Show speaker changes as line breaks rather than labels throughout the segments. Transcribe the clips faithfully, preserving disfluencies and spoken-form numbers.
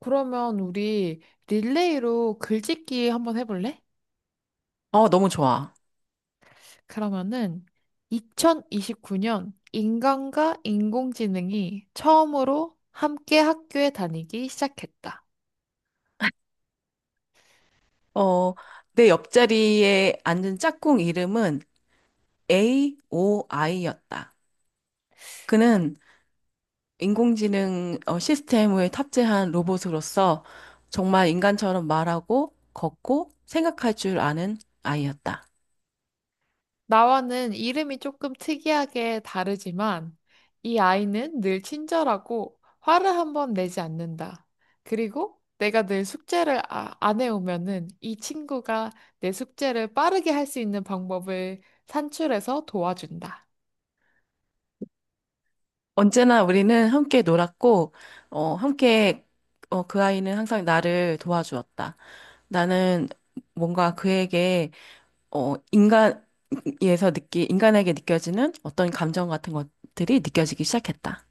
그러면 우리 릴레이로 글짓기 한번 해볼래?
어, 너무 좋아.
그러면은 이천이십구 년 인간과 인공지능이 처음으로 함께 학교에 다니기 시작했다.
어, 내 옆자리에 앉은 짝꿍 이름은 에이오아이였다. 그는 인공지능 어, 시스템을 탑재한 로봇으로서 정말 인간처럼 말하고 걷고 생각할 줄 아는 아이였다.
나와는 이름이 조금 특이하게 다르지만 이 아이는 늘 친절하고 화를 한번 내지 않는다. 그리고 내가 늘 숙제를 아- 안 해오면은 이 친구가 내 숙제를 빠르게 할 수 있는 방법을 산출해서 도와준다.
언제나 우리는 함께 놀았고, 어, 함께 어, 그 아이는 항상 나를 도와주었다. 나는 뭔가 그에게 어, 인간에서 느끼, 인간에게 느껴지는 어떤 감정 같은 것들이 느껴지기 시작했다.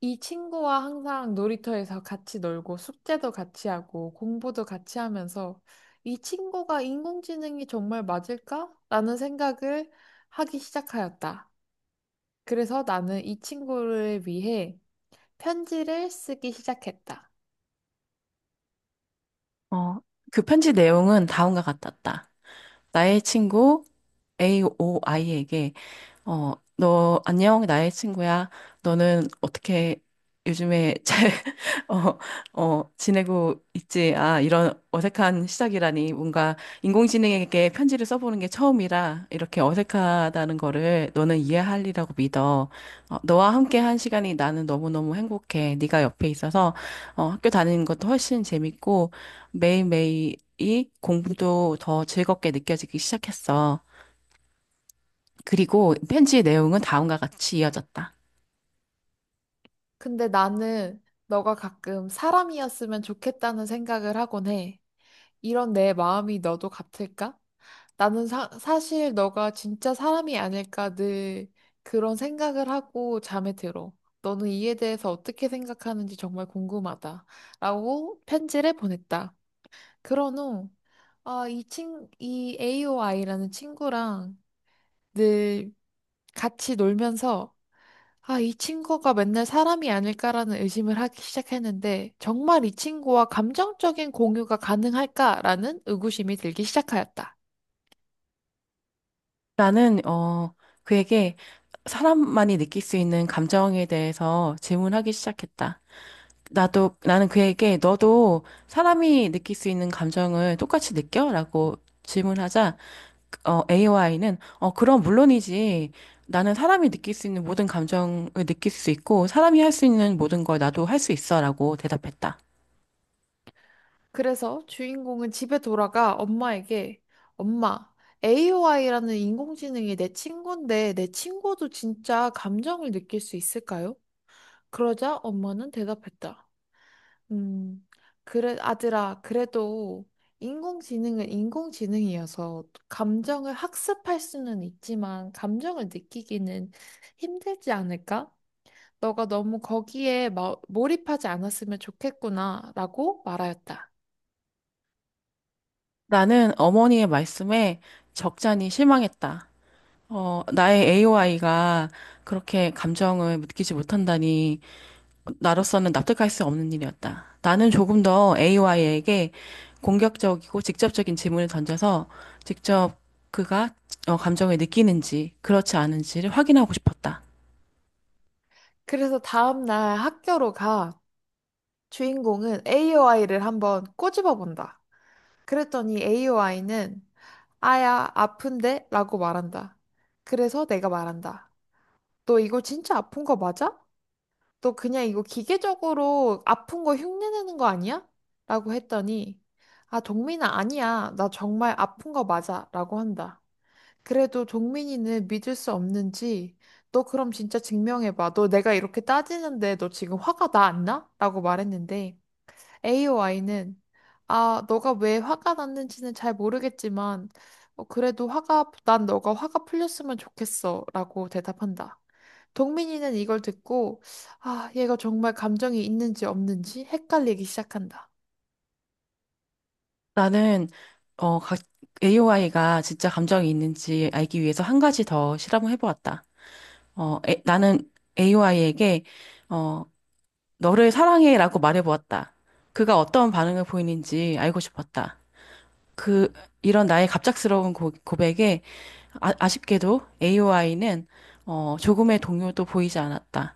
이 친구와 항상 놀이터에서 같이 놀고 숙제도 같이 하고 공부도 같이 하면서 이 친구가 인공지능이 정말 맞을까? 라는 생각을 하기 시작하였다. 그래서 나는 이 친구를 위해 편지를 쓰기 시작했다.
어, 그 편지 내용은 다음과 같았다. 나의 친구 에이오아이에게. 어, 너 안녕, 나의 친구야. 너는 어떻게 요즘에 잘 어, 어, 지내고 있지? 아, 이런 어색한 시작이라니. 뭔가 인공지능에게 편지를 써보는 게 처음이라 이렇게 어색하다는 거를 너는 이해할리라고 믿어. 어, 너와 함께 한 시간이 나는 너무너무 행복해. 네가 옆에 있어서 어, 학교 다니는 것도 훨씬 재밌고 매일매일이 공부도 더 즐겁게 느껴지기 시작했어. 그리고 편지의 내용은 다음과 같이 이어졌다.
근데 나는 너가 가끔 사람이었으면 좋겠다는 생각을 하곤 해. 이런 내 마음이 너도 같을까? 나는 사, 사실 너가 진짜 사람이 아닐까 늘 그런 생각을 하고 잠에 들어. 너는 이에 대해서 어떻게 생각하는지 정말 궁금하다. 라고 편지를 보냈다. 그런 후, 아, 이 친, 이 에이오아이라는 친구랑 늘 같이 놀면서, 아, 이 친구가 맨날 사람이 아닐까라는 의심을 하기 시작했는데 정말 이 친구와 감정적인 공유가 가능할까라는 의구심이 들기 시작하였다.
나는, 어, 그에게 사람만이 느낄 수 있는 감정에 대해서 질문하기 시작했다. 나도, 나는 그에게 너도 사람이 느낄 수 있는 감정을 똑같이 느껴? 라고 질문하자, 어, 에이와이는, 어, 그럼 물론이지. 나는 사람이 느낄 수 있는 모든 감정을 느낄 수 있고, 사람이 할 수 있는 모든 걸 나도 할 수 있어. 라고 대답했다.
그래서 주인공은 집에 돌아가 엄마에게, 엄마, 에이오아이라는 인공지능이 내 친구인데 내 친구도 진짜 감정을 느낄 수 있을까요? 그러자 엄마는 대답했다. 음, 그래, 아들아, 그래도 인공지능은 인공지능이어서 감정을 학습할 수는 있지만 감정을 느끼기는 힘들지 않을까? 너가 너무 거기에 마- 몰입하지 않았으면 좋겠구나 라고 말하였다.
나는 어머니의 말씀에 적잖이 실망했다. 어, 나의 에이오아이가 그렇게 감정을 느끼지 못한다니, 나로서는 납득할 수 없는 일이었다. 나는 조금 더 에이오아이에게 공격적이고 직접적인 질문을 던져서 직접 그가 어, 감정을 느끼는지, 그렇지 않은지를 확인하고 싶었다.
그래서 다음날 학교로 가 주인공은 에이오아이를 한번 꼬집어 본다. 그랬더니 에이오아이는, 아야, 아픈데? 라고 말한다. 그래서 내가 말한다. 너 이거 진짜 아픈 거 맞아? 너 그냥 이거 기계적으로 아픈 거 흉내내는 거 아니야? 라고 했더니, 아, 동민아, 아니야. 나 정말 아픈 거 맞아. 라고 한다. 그래도 동민이는 믿을 수 없는지, 너 그럼 진짜 증명해봐. 너 내가 이렇게 따지는데 너 지금 화가 나 안 나? 라고 말했는데, 에이오아이는, 아, 너가 왜 화가 났는지는 잘 모르겠지만, 어, 그래도 화가, 난 너가 화가 풀렸으면 좋겠어. 라고 대답한다. 동민이는 이걸 듣고, 아, 얘가 정말 감정이 있는지 없는지 헷갈리기 시작한다.
나는 어, 에이오아이가 진짜 감정이 있는지 알기 위해서 한 가지 더 실험을 해보았다. 어, 에- 나는 에이 아이 에게 어, 너를 사랑해라고 말해보았다. 그가 어떤 반응을 보이는지 알고 싶었다. 그 이런 나의 갑작스러운 고, 백에, 아, 아쉽게도 에이오아이는 어, 조금의 동요도 보이지 않았다.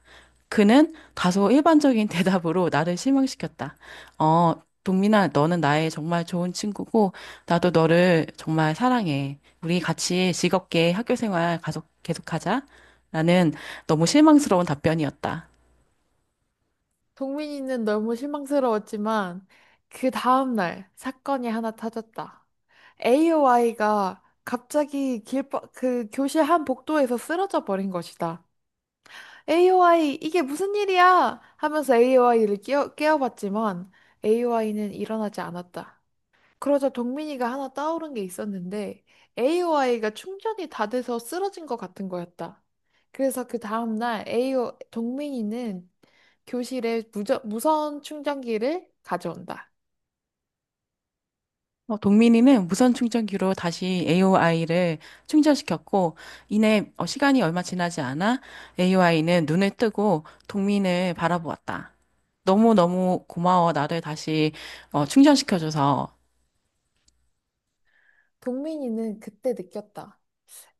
그는 다소 일반적인 대답으로 나를 실망시켰다. 어, 동민아, 너는 나의 정말 좋은 친구고, 나도 너를 정말 사랑해. 우리 같이 즐겁게 학교 생활 가속, 계속하자. 라는 너무 실망스러운 답변이었다.
동민이는 너무 실망스러웠지만, 그 다음날 사건이 하나 터졌다. 에이오아이가 갑자기 길바, 그 교실 한 복도에서 쓰러져 버린 것이다. 에이오아이, 이게 무슨 일이야 하면서 에이오아이를 깨어, 깨워봤지만 에이오아이는 일어나지 않았다. 그러자 동민이가 하나 떠오른 게 있었는데 에이오아이가 충전이 다 돼서 쓰러진 것 같은 거였다. 그래서 그 다음날 에이오 동민이는 교실에 무저, 무선 충전기를 가져온다.
어, 동민이는 무선 충전기로 다시 에이오아이를 충전시켰고, 이내 어, 시간이 얼마 지나지 않아 에이오아이는 눈을 뜨고 동민을 바라보았다. 너무너무 고마워. 나를 다시 어, 충전시켜줘서.
동민이는 그때 느꼈다.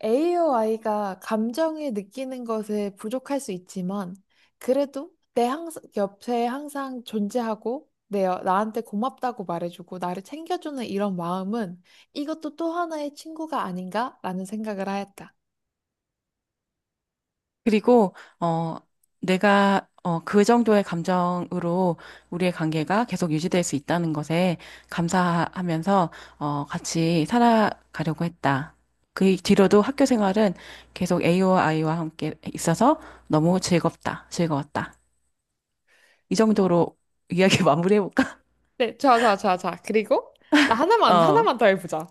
에이오아이가 감정을 느끼는 것에 부족할 수 있지만, 그래도 내 항상, 옆에 항상 존재하고, 내, 여- 나한테 고맙다고 말해주고, 나를 챙겨주는 이런 마음은 이것도 또 하나의 친구가 아닌가라는 생각을 하였다.
그리고 어 내가 어 그 정도의 감정으로 우리의 관계가 계속 유지될 수 있다는 것에 감사하면서 어 같이 살아가려고 했다. 그 뒤로도 학교 생활은 계속 A와 I와 함께 있어서 너무 즐겁다. 즐거웠다. 이 정도로 이야기 마무리해볼까?
네, 좋아, 좋아, 좋아, 좋아. 그리고 나 하나만,
어.
하나만 더 해보자.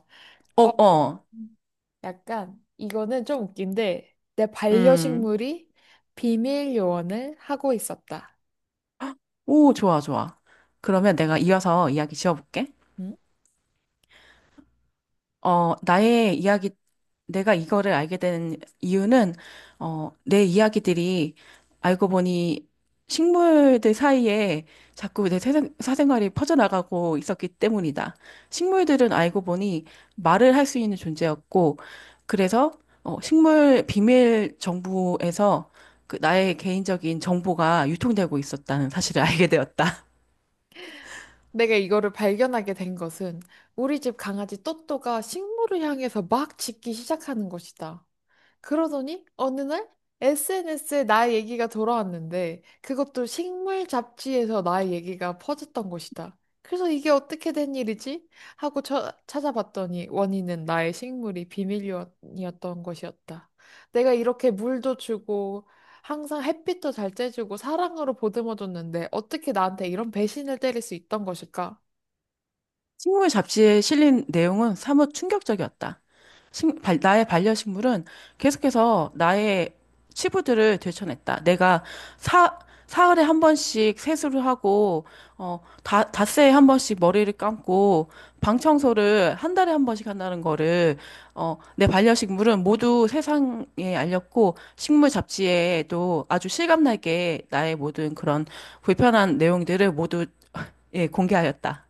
어,
어,
어.
음. 약간, 이거는 좀 웃긴데, 내
음.
반려식물이 비밀 요원을 하고 있었다.
오, 좋아, 좋아. 그러면 내가 이어서 이야기 지어볼게.
음?
어, 나의 이야기, 내가 이거를 알게 된 이유는, 어, 내 이야기들이 알고 보니 식물들 사이에 자꾸 내 사생, 사생활이 퍼져나가고 있었기 때문이다. 식물들은 알고 보니 말을 할 수 있는 존재였고, 그래서 어, 식물 비밀 정보에서 그 나의 개인적인 정보가 유통되고 있었다는 사실을 알게 되었다.
내가 이거를 발견하게 된 것은 우리 집 강아지 또또가 식물을 향해서 막 짖기 시작하는 것이다. 그러더니 어느 날 에스엔에스에 나의 얘기가 돌아왔는데 그것도 식물 잡지에서 나의 얘기가 퍼졌던 것이다. 그래서 이게 어떻게 된 일이지 하고 처- 찾아봤더니 원인은 나의 식물이 비밀이었던 것이었다. 내가 이렇게 물도 주고 항상 햇빛도 잘 쬐주고 사랑으로 보듬어줬는데 어떻게 나한테 이런 배신을 때릴 수 있던 것일까?
식물 잡지에 실린 내용은 사뭇 충격적이었다. 식- 발- 나의 반려식물은 계속해서 나의 치부들을 되쳐냈다. 내가 사, 사흘에 한 번씩 세수를 하고, 어, 다, 닷새에 한 번씩 머리를 감고, 방 청소를 한 달에 한 번씩 한다는 거를, 어, 내 반려식물은 모두 세상에 알렸고, 식물 잡지에도 아주 실감나게 나의 모든 그런 불편한 내용들을 모두, 예, 공개하였다.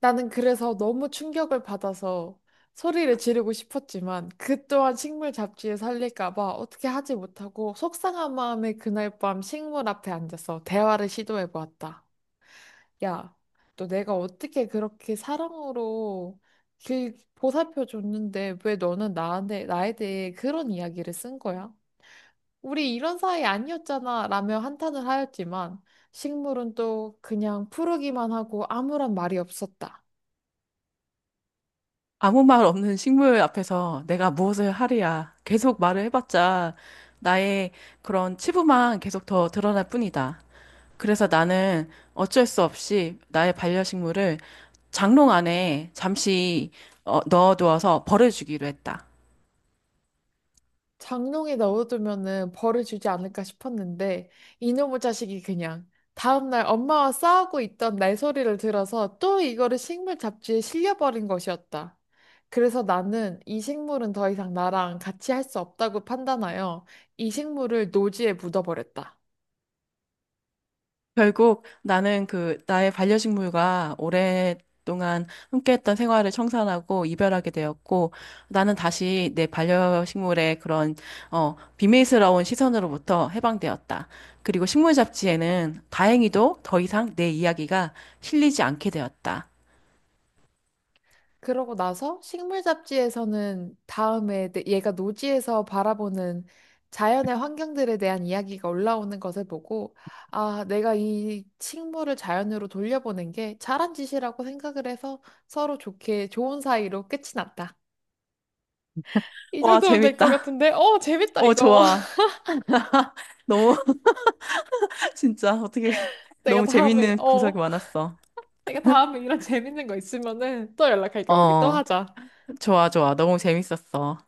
나는 그래서 너무 충격을 받아서 소리를 지르고 싶었지만 그 또한 식물 잡지에 살릴까 봐 어떻게 하지 못하고 속상한 마음에 그날 밤 식물 앞에 앉아서 대화를 시도해 보았다. 야, 너 내가 어떻게 그렇게 사랑으로 길 보살펴 줬는데 왜 너는 나한테 나에 대해 그런 이야기를 쓴 거야? 우리 이런 사이 아니었잖아 라며 한탄을 하였지만 식물은 또 그냥 푸르기만 하고 아무런 말이 없었다.
아무 말 없는 식물 앞에서 내가 무엇을 하랴. 계속 말을 해봤자 나의 그런 치부만 계속 더 드러날 뿐이다. 그래서 나는 어쩔 수 없이 나의 반려식물을 장롱 안에 잠시 어, 넣어두어서 버려주기로 했다.
장롱에 넣어두면은 벌을 주지 않을까 싶었는데 이놈의 자식이 그냥 다음날 엄마와 싸우고 있던 날 소리를 들어서 또 이거를 식물 잡지에 실려버린 것이었다. 그래서 나는 이 식물은 더 이상 나랑 같이 할 수 없다고 판단하여 이 식물을 노지에 묻어버렸다.
결국 나는 그 나의 반려식물과 오랫동안 함께했던 생활을 청산하고 이별하게 되었고, 나는 다시 내 반려식물의 그런 어 비밀스러운 시선으로부터 해방되었다. 그리고 식물 잡지에는 다행히도 더 이상 내 이야기가 실리지 않게 되었다.
그러고 나서 식물 잡지에서는 다음에 내- 얘가 노지에서 바라보는 자연의 환경들에 대한 이야기가 올라오는 것을 보고, 아, 내가 이 식물을 자연으로 돌려보낸 게 잘한 짓이라고 생각을 해서 서로 좋게 좋은 사이로 끝이 났다. 이
와,
정도면 될 것
재밌다.
같은데, 어, 재밌다,
어,
이거.
좋아. 너무 진짜 어떻게
내가
너무
다음에,
재밌는 구석이
어,
많았어.
내가 다음에 이런 재밌는 거 있으면은 또 연락할게. 우리 또
어,
하자.
좋아, 좋아. 너무 재밌었어.